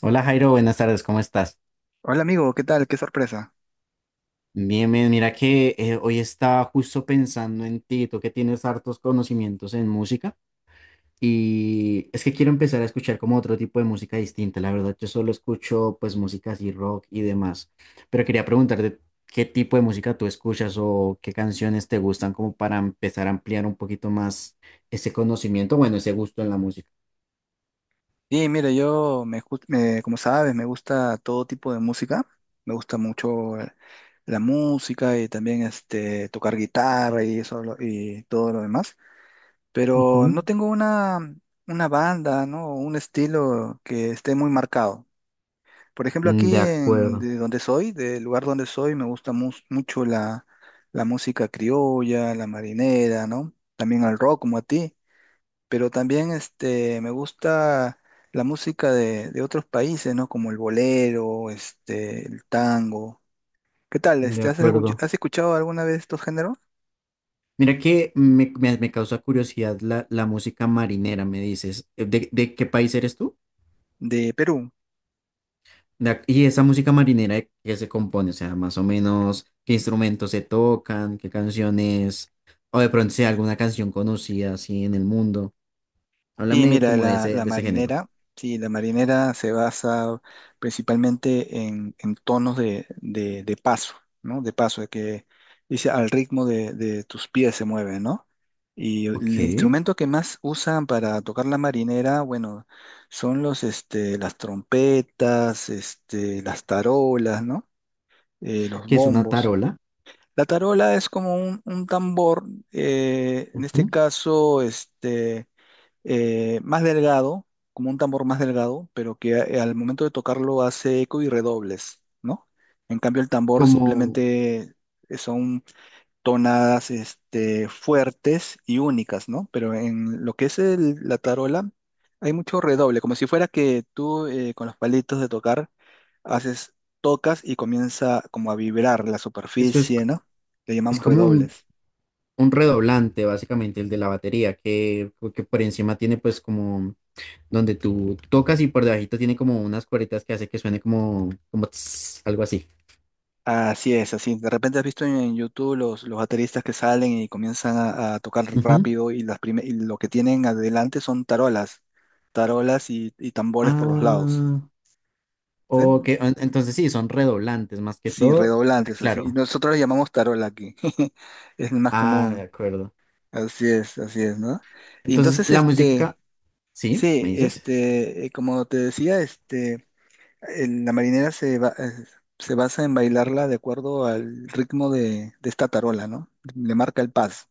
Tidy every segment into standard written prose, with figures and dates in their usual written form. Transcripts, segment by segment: Hola, Jairo, buenas tardes, ¿cómo estás? Hola amigo, ¿qué tal? Qué sorpresa. Bien, bien, mira que hoy estaba justo pensando en ti, tú que tienes hartos conocimientos en música y es que quiero empezar a escuchar como otro tipo de música distinta, la verdad yo solo escucho pues música así rock y demás, pero quería preguntarte qué tipo de música tú escuchas o qué canciones te gustan como para empezar a ampliar un poquito más ese conocimiento, bueno, ese gusto en la música. Sí, mira, yo, me, ju- me- como sabes, me gusta todo tipo de música. Me gusta mucho la música y también tocar guitarra y y todo lo demás. Pero no Ujú. tengo una banda, ¿no? Un estilo que esté muy marcado. Por ejemplo, Mm, aquí de acuerdo, de donde soy, del lugar donde soy, me gusta mucho la música criolla, la marinera, ¿no? También el rock como a ti. Pero también me gusta la música de otros países, ¿no? Como el bolero, el tango. ¿Qué tal? de acuerdo. ¿Has escuchado alguna vez estos géneros? Mira que me causa curiosidad la música marinera, me dices. ¿De, ¿de qué país eres tú? ¿De Perú? De ac- y esa música marinera, ¿de qué se compone? O sea, más o menos, ¿qué instrumentos se tocan? ¿Qué canciones? O de pronto sea alguna canción conocida así en el mundo. Sí, Háblame mira, como de la, ese, la de ese género. marinera, sí, la marinera se basa principalmente en tonos de paso, ¿no? De paso, de que dice al ritmo de tus pies se mueve, ¿no? Y Ok. el Que instrumento que más usan para tocar la marinera, bueno, son las trompetas, las tarolas, ¿no? Los es una bombos. tarola. La tarola es como un tambor, en este Ujú. caso, más delgado, como un tambor más delgado, pero que al momento de tocarlo hace eco y redobles, ¿no? En cambio, el tambor Como, simplemente son tonadas fuertes y únicas, ¿no? Pero en lo que es la tarola, hay mucho redoble, como si fuera que tú con los palitos de tocar haces, tocas y comienza como a vibrar la eso superficie, ¿no? Le es llamamos como un, redobles. un redoblante, básicamente, el de la batería, que por encima tiene pues como donde tú tocas y por debajito tiene como unas cueritas que hace que suene como, como tss, algo así. Así es, así. De repente has visto en YouTube los bateristas que salen y comienzan a tocar Ujú. rápido y lo que tienen adelante son tarolas, y tambores por los lados. Ah, ok. ¿Sí? en- Entonces sí, son redoblantes más que Sí, todo. Ah, redoblantes, claro. así. Y nosotros le llamamos tarola aquí. Es más Ah, de común. acuerdo. Así es, ¿no? Y Entonces entonces, la música, sí, sí, me dices. Como te decía, la marinera se basa en bailarla de acuerdo al ritmo de esta tarola, ¿no? Le marca el paso.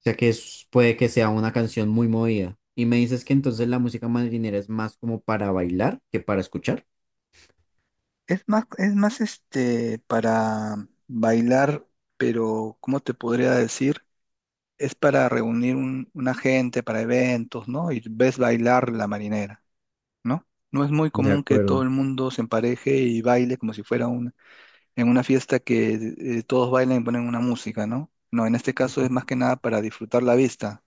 O sea que es- puede que sea una canción muy movida. Y me dices que entonces la música marinera es más como para bailar que para escuchar. Es más para bailar, pero ¿cómo te podría decir? Es para reunir una gente para eventos, ¿no? Y ves bailar la marinera, ¿no? No es muy De común que todo acuerdo. el mundo se empareje y baile como si fuera en una fiesta que todos bailan y ponen una música, ¿no? No, en este caso es más que nada para disfrutar la vista,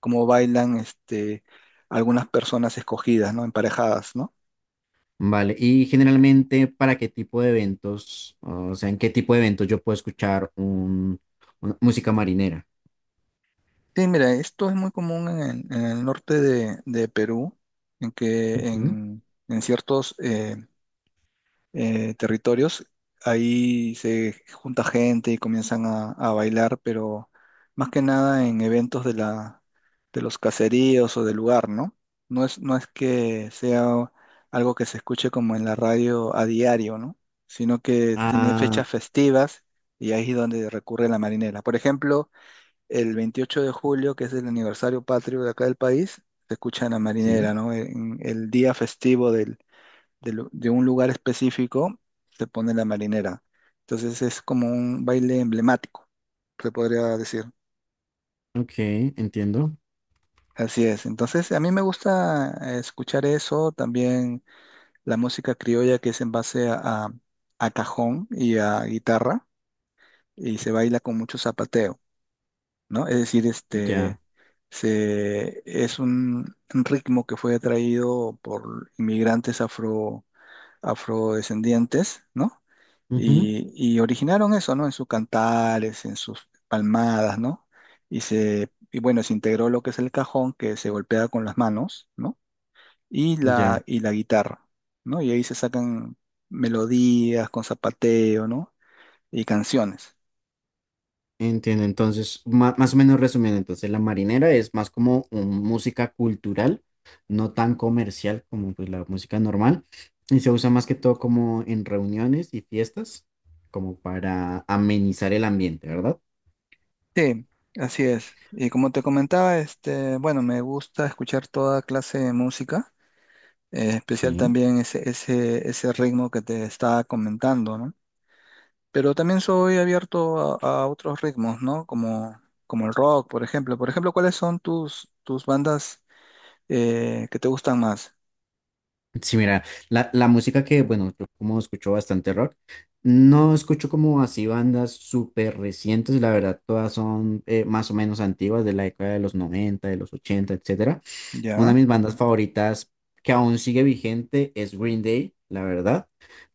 como bailan algunas personas escogidas, ¿no? Emparejadas, ¿no? Vale, y generalmente, ¿para qué tipo de eventos, o sea, en qué tipo de eventos yo puedo escuchar un, una música marinera? Sí, mira, esto es muy común en el norte de Perú, en que Ujú. en ciertos territorios ahí se junta gente y comienzan a bailar, pero más que nada en eventos de los caseríos o del lugar, ¿no? No es que sea algo que se escuche como en la radio a diario, ¿no? Sino que tiene Ah, fechas festivas y ahí es donde recurre la marinera. Por ejemplo, el 28 de julio, que es el aniversario patrio de acá del país, se escucha en la sí, marinera, ¿no? En el día festivo de un lugar específico se pone la marinera. Entonces es como un baile emblemático, se podría decir. ok, entiendo, Así es. Entonces a mí me gusta escuchar eso, también la música criolla que es en base a a cajón y a guitarra y se baila con mucho zapateo. ¿No? Es decir, ya, es un ritmo que fue traído por inmigrantes afrodescendientes, ¿no? ujú, Y originaron eso, ¿no? En sus cantares, en sus palmadas, ¿no? Y bueno, se integró lo que es el cajón, que se golpea con las manos, ¿no? Y la, ya, y la guitarra, ¿no? Y ahí se sacan melodías con zapateo, ¿no? Y canciones. entiendo. Entonces, ma- más o menos resumiendo, entonces la marinera es más como un- música cultural, no tan comercial como pues, la música normal, y se usa más que todo como en reuniones y fiestas, como para amenizar el ambiente, ¿verdad? Sí, así es. Y como te comentaba, bueno, me gusta escuchar toda clase de música, especial Sí. también ese ritmo que te estaba comentando, ¿no? Pero también soy abierto a otros ritmos, ¿no? Como el rock, por ejemplo. Por ejemplo, ¿cuáles son tus bandas que te gustan más? Sí, mira, la música que, bueno, yo como escucho bastante rock, no escucho como así bandas súper recientes, la verdad, todas son más o menos antiguas de la década de los 90, de los 80, etcétera. Una de Ya, mis bandas favoritas que aún sigue vigente es Green Day, la verdad.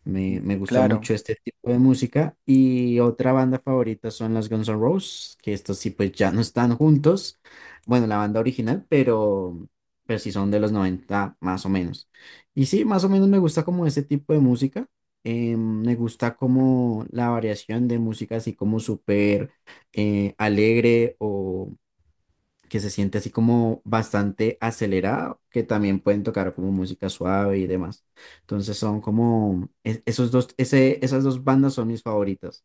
Me gusta claro. mucho este tipo de música. Y otra banda favorita son las Guns N' Roses, que estos sí pues ya no están juntos. Bueno, la banda original, pero sí son de los 90 más o menos. Y sí, más o menos me gusta como ese tipo de música. Me gusta como la variación de música así como súper alegre o que se siente así como bastante acelerada, que también pueden tocar como música suave y demás. Entonces son como es- esos dos, ese, esas dos bandas son mis favoritas.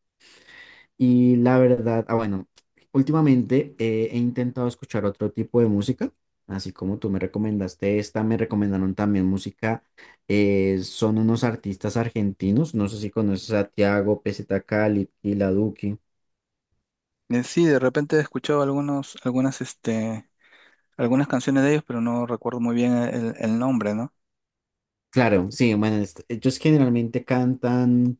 Y la verdad, ah, bueno, últimamente he intentado escuchar otro tipo de música, así como tú me recomendaste esta, me recomendaron también música, son unos artistas argentinos, no sé si conoces a Tiago, Peseta Cali, y La Duki. Sí, de repente he escuchado algunas canciones de ellos, pero no recuerdo muy bien el nombre, ¿no? Claro, sí, bueno, es- ellos generalmente cantan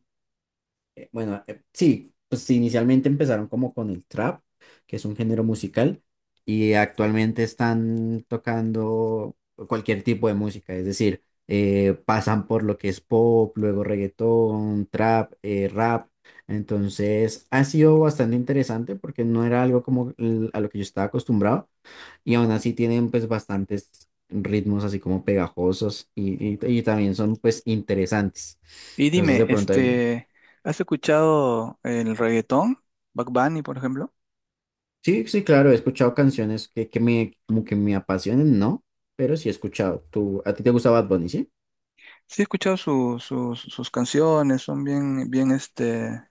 bueno, sí, pues inicialmente empezaron como con el trap, que es un género musical, y actualmente están tocando cualquier tipo de música, es decir, pasan por lo que es pop, luego reggaetón, trap, rap. Entonces ha sido bastante interesante porque no era algo como l- a lo que yo estaba acostumbrado y aún así tienen pues bastantes ritmos así como pegajosos y también son pues interesantes. Y Entonces dime, de pronto ahí lo- ¿has escuchado el reggaetón? Bad Bunny, por ejemplo. Sí, sí, claro, he escuchado canciones que me, como que me apasionen, ¿no? Pero sí he escuchado. ¿Tú, a ti te gusta Bad Bunny, sí? Sí, he escuchado sus canciones, son bien, bien, este,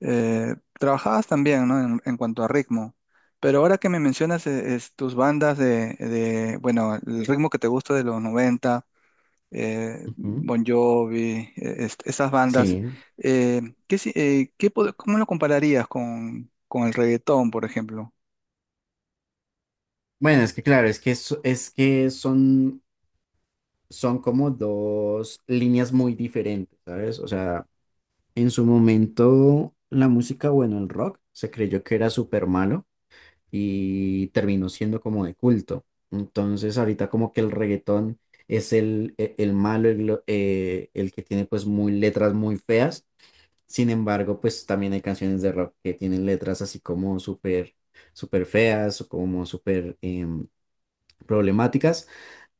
eh, trabajadas también, ¿no? En cuanto a ritmo. Pero ahora que me mencionas es tus bandas bueno, el ritmo que te gusta de los 90, Ujú, Bon Jovi, esas bandas, sí. eh, ¿qué, si- qué pod- ¿cómo lo compararías con el reggaetón, por ejemplo? Bueno, es que claro, es que son, son como dos líneas muy diferentes, ¿sabes? O sea, en su momento la música, bueno, el rock se creyó que era súper malo y terminó siendo como de culto. Entonces ahorita como que el reggaetón es el malo, el, lo- el que tiene pues muy letras muy feas. Sin embargo, pues también hay canciones de rock que tienen letras así como súper, súper feas o como súper problemáticas.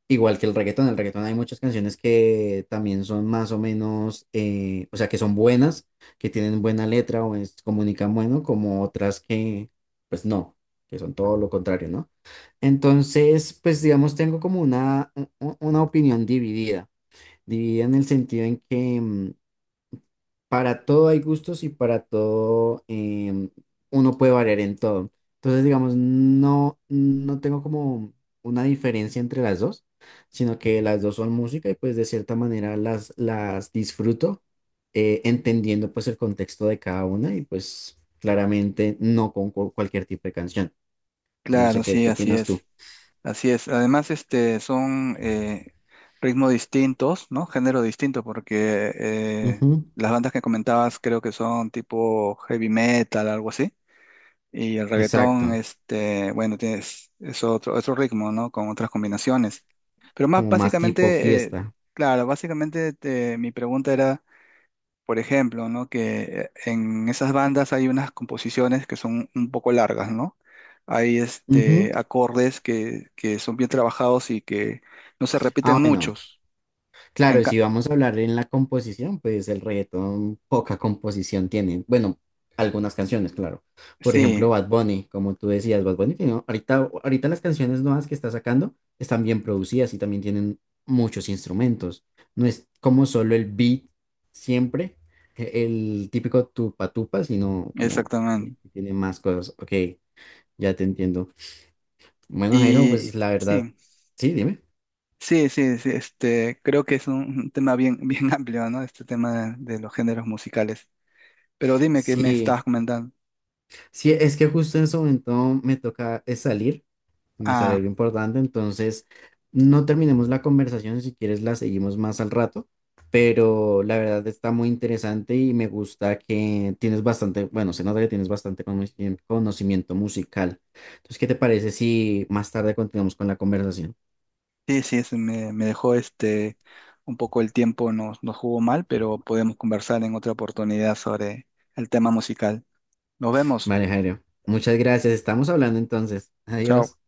Igual que el reggaetón hay muchas canciones que también son más o menos, o sea, que son buenas, que tienen buena letra o es- comunican bueno, como otras que, pues no, que son todo lo contrario, ¿no? Entonces, pues digamos, tengo como una opinión dividida, dividida en el sentido en que para todo hay gustos y para todo uno puede variar en todo. Entonces, digamos, no, no tengo como una diferencia entre las dos, sino que las dos son música y pues de cierta manera las disfruto entendiendo pues el contexto de cada una y pues claramente no con cu- cualquier tipo de canción. No Claro, sé qué, sí, qué así opinas tú. es. Así es. Además, son ritmos distintos, ¿no? Género distinto, porque Ujú, las bandas que comentabas creo que son tipo heavy metal, algo así. Y el reggaetón, exacto, bueno, es otro ritmo, ¿no? Con otras combinaciones. Pero más como más tipo básicamente, fiesta. claro, básicamente mi pregunta era por ejemplo, ¿no? Que en esas bandas hay unas composiciones que son un poco largas, ¿no? Hay Ujú. acordes que son bien trabajados y que no se Ah, repiten bueno. muchos. En Claro, ca- si vamos a hablar en la composición, pues el reggaetón poca composición tiene. Bueno, algunas canciones, claro. Por ejemplo, sí, Bad Bunny, como tú decías, Bad Bunny tiene, ahorita, ahorita las canciones nuevas que está sacando están bien producidas y también tienen muchos instrumentos. No es como solo el beat siempre, e- el típico tupa tupa, sino como que exactamente. tiene más cosas. Ok, ya te entiendo. Bueno, Jairo, Y pues la verdad, sí, sí, dime. sí, sí, sí, creo que es un tema bien, bien amplio, ¿no? Este tema de los géneros musicales. Pero dime qué me Sí. estabas comentando. Sí, es que justo en este momento me toca salir, me sale Ah, algo importante, entonces no terminemos la conversación, si quieres la seguimos más al rato, pero la verdad está muy interesante y me gusta que tienes bastante, bueno, se nota que tienes bastante conoci- conocimiento musical. Entonces, ¿qué te parece si más tarde continuamos con la conversación? sí, sí, me dejó un poco el tiempo, nos jugó mal, pero podemos conversar en otra oportunidad sobre el tema musical. Nos vemos. Vale, Jairo, muchas gracias, estamos hablando entonces, Chao. adiós.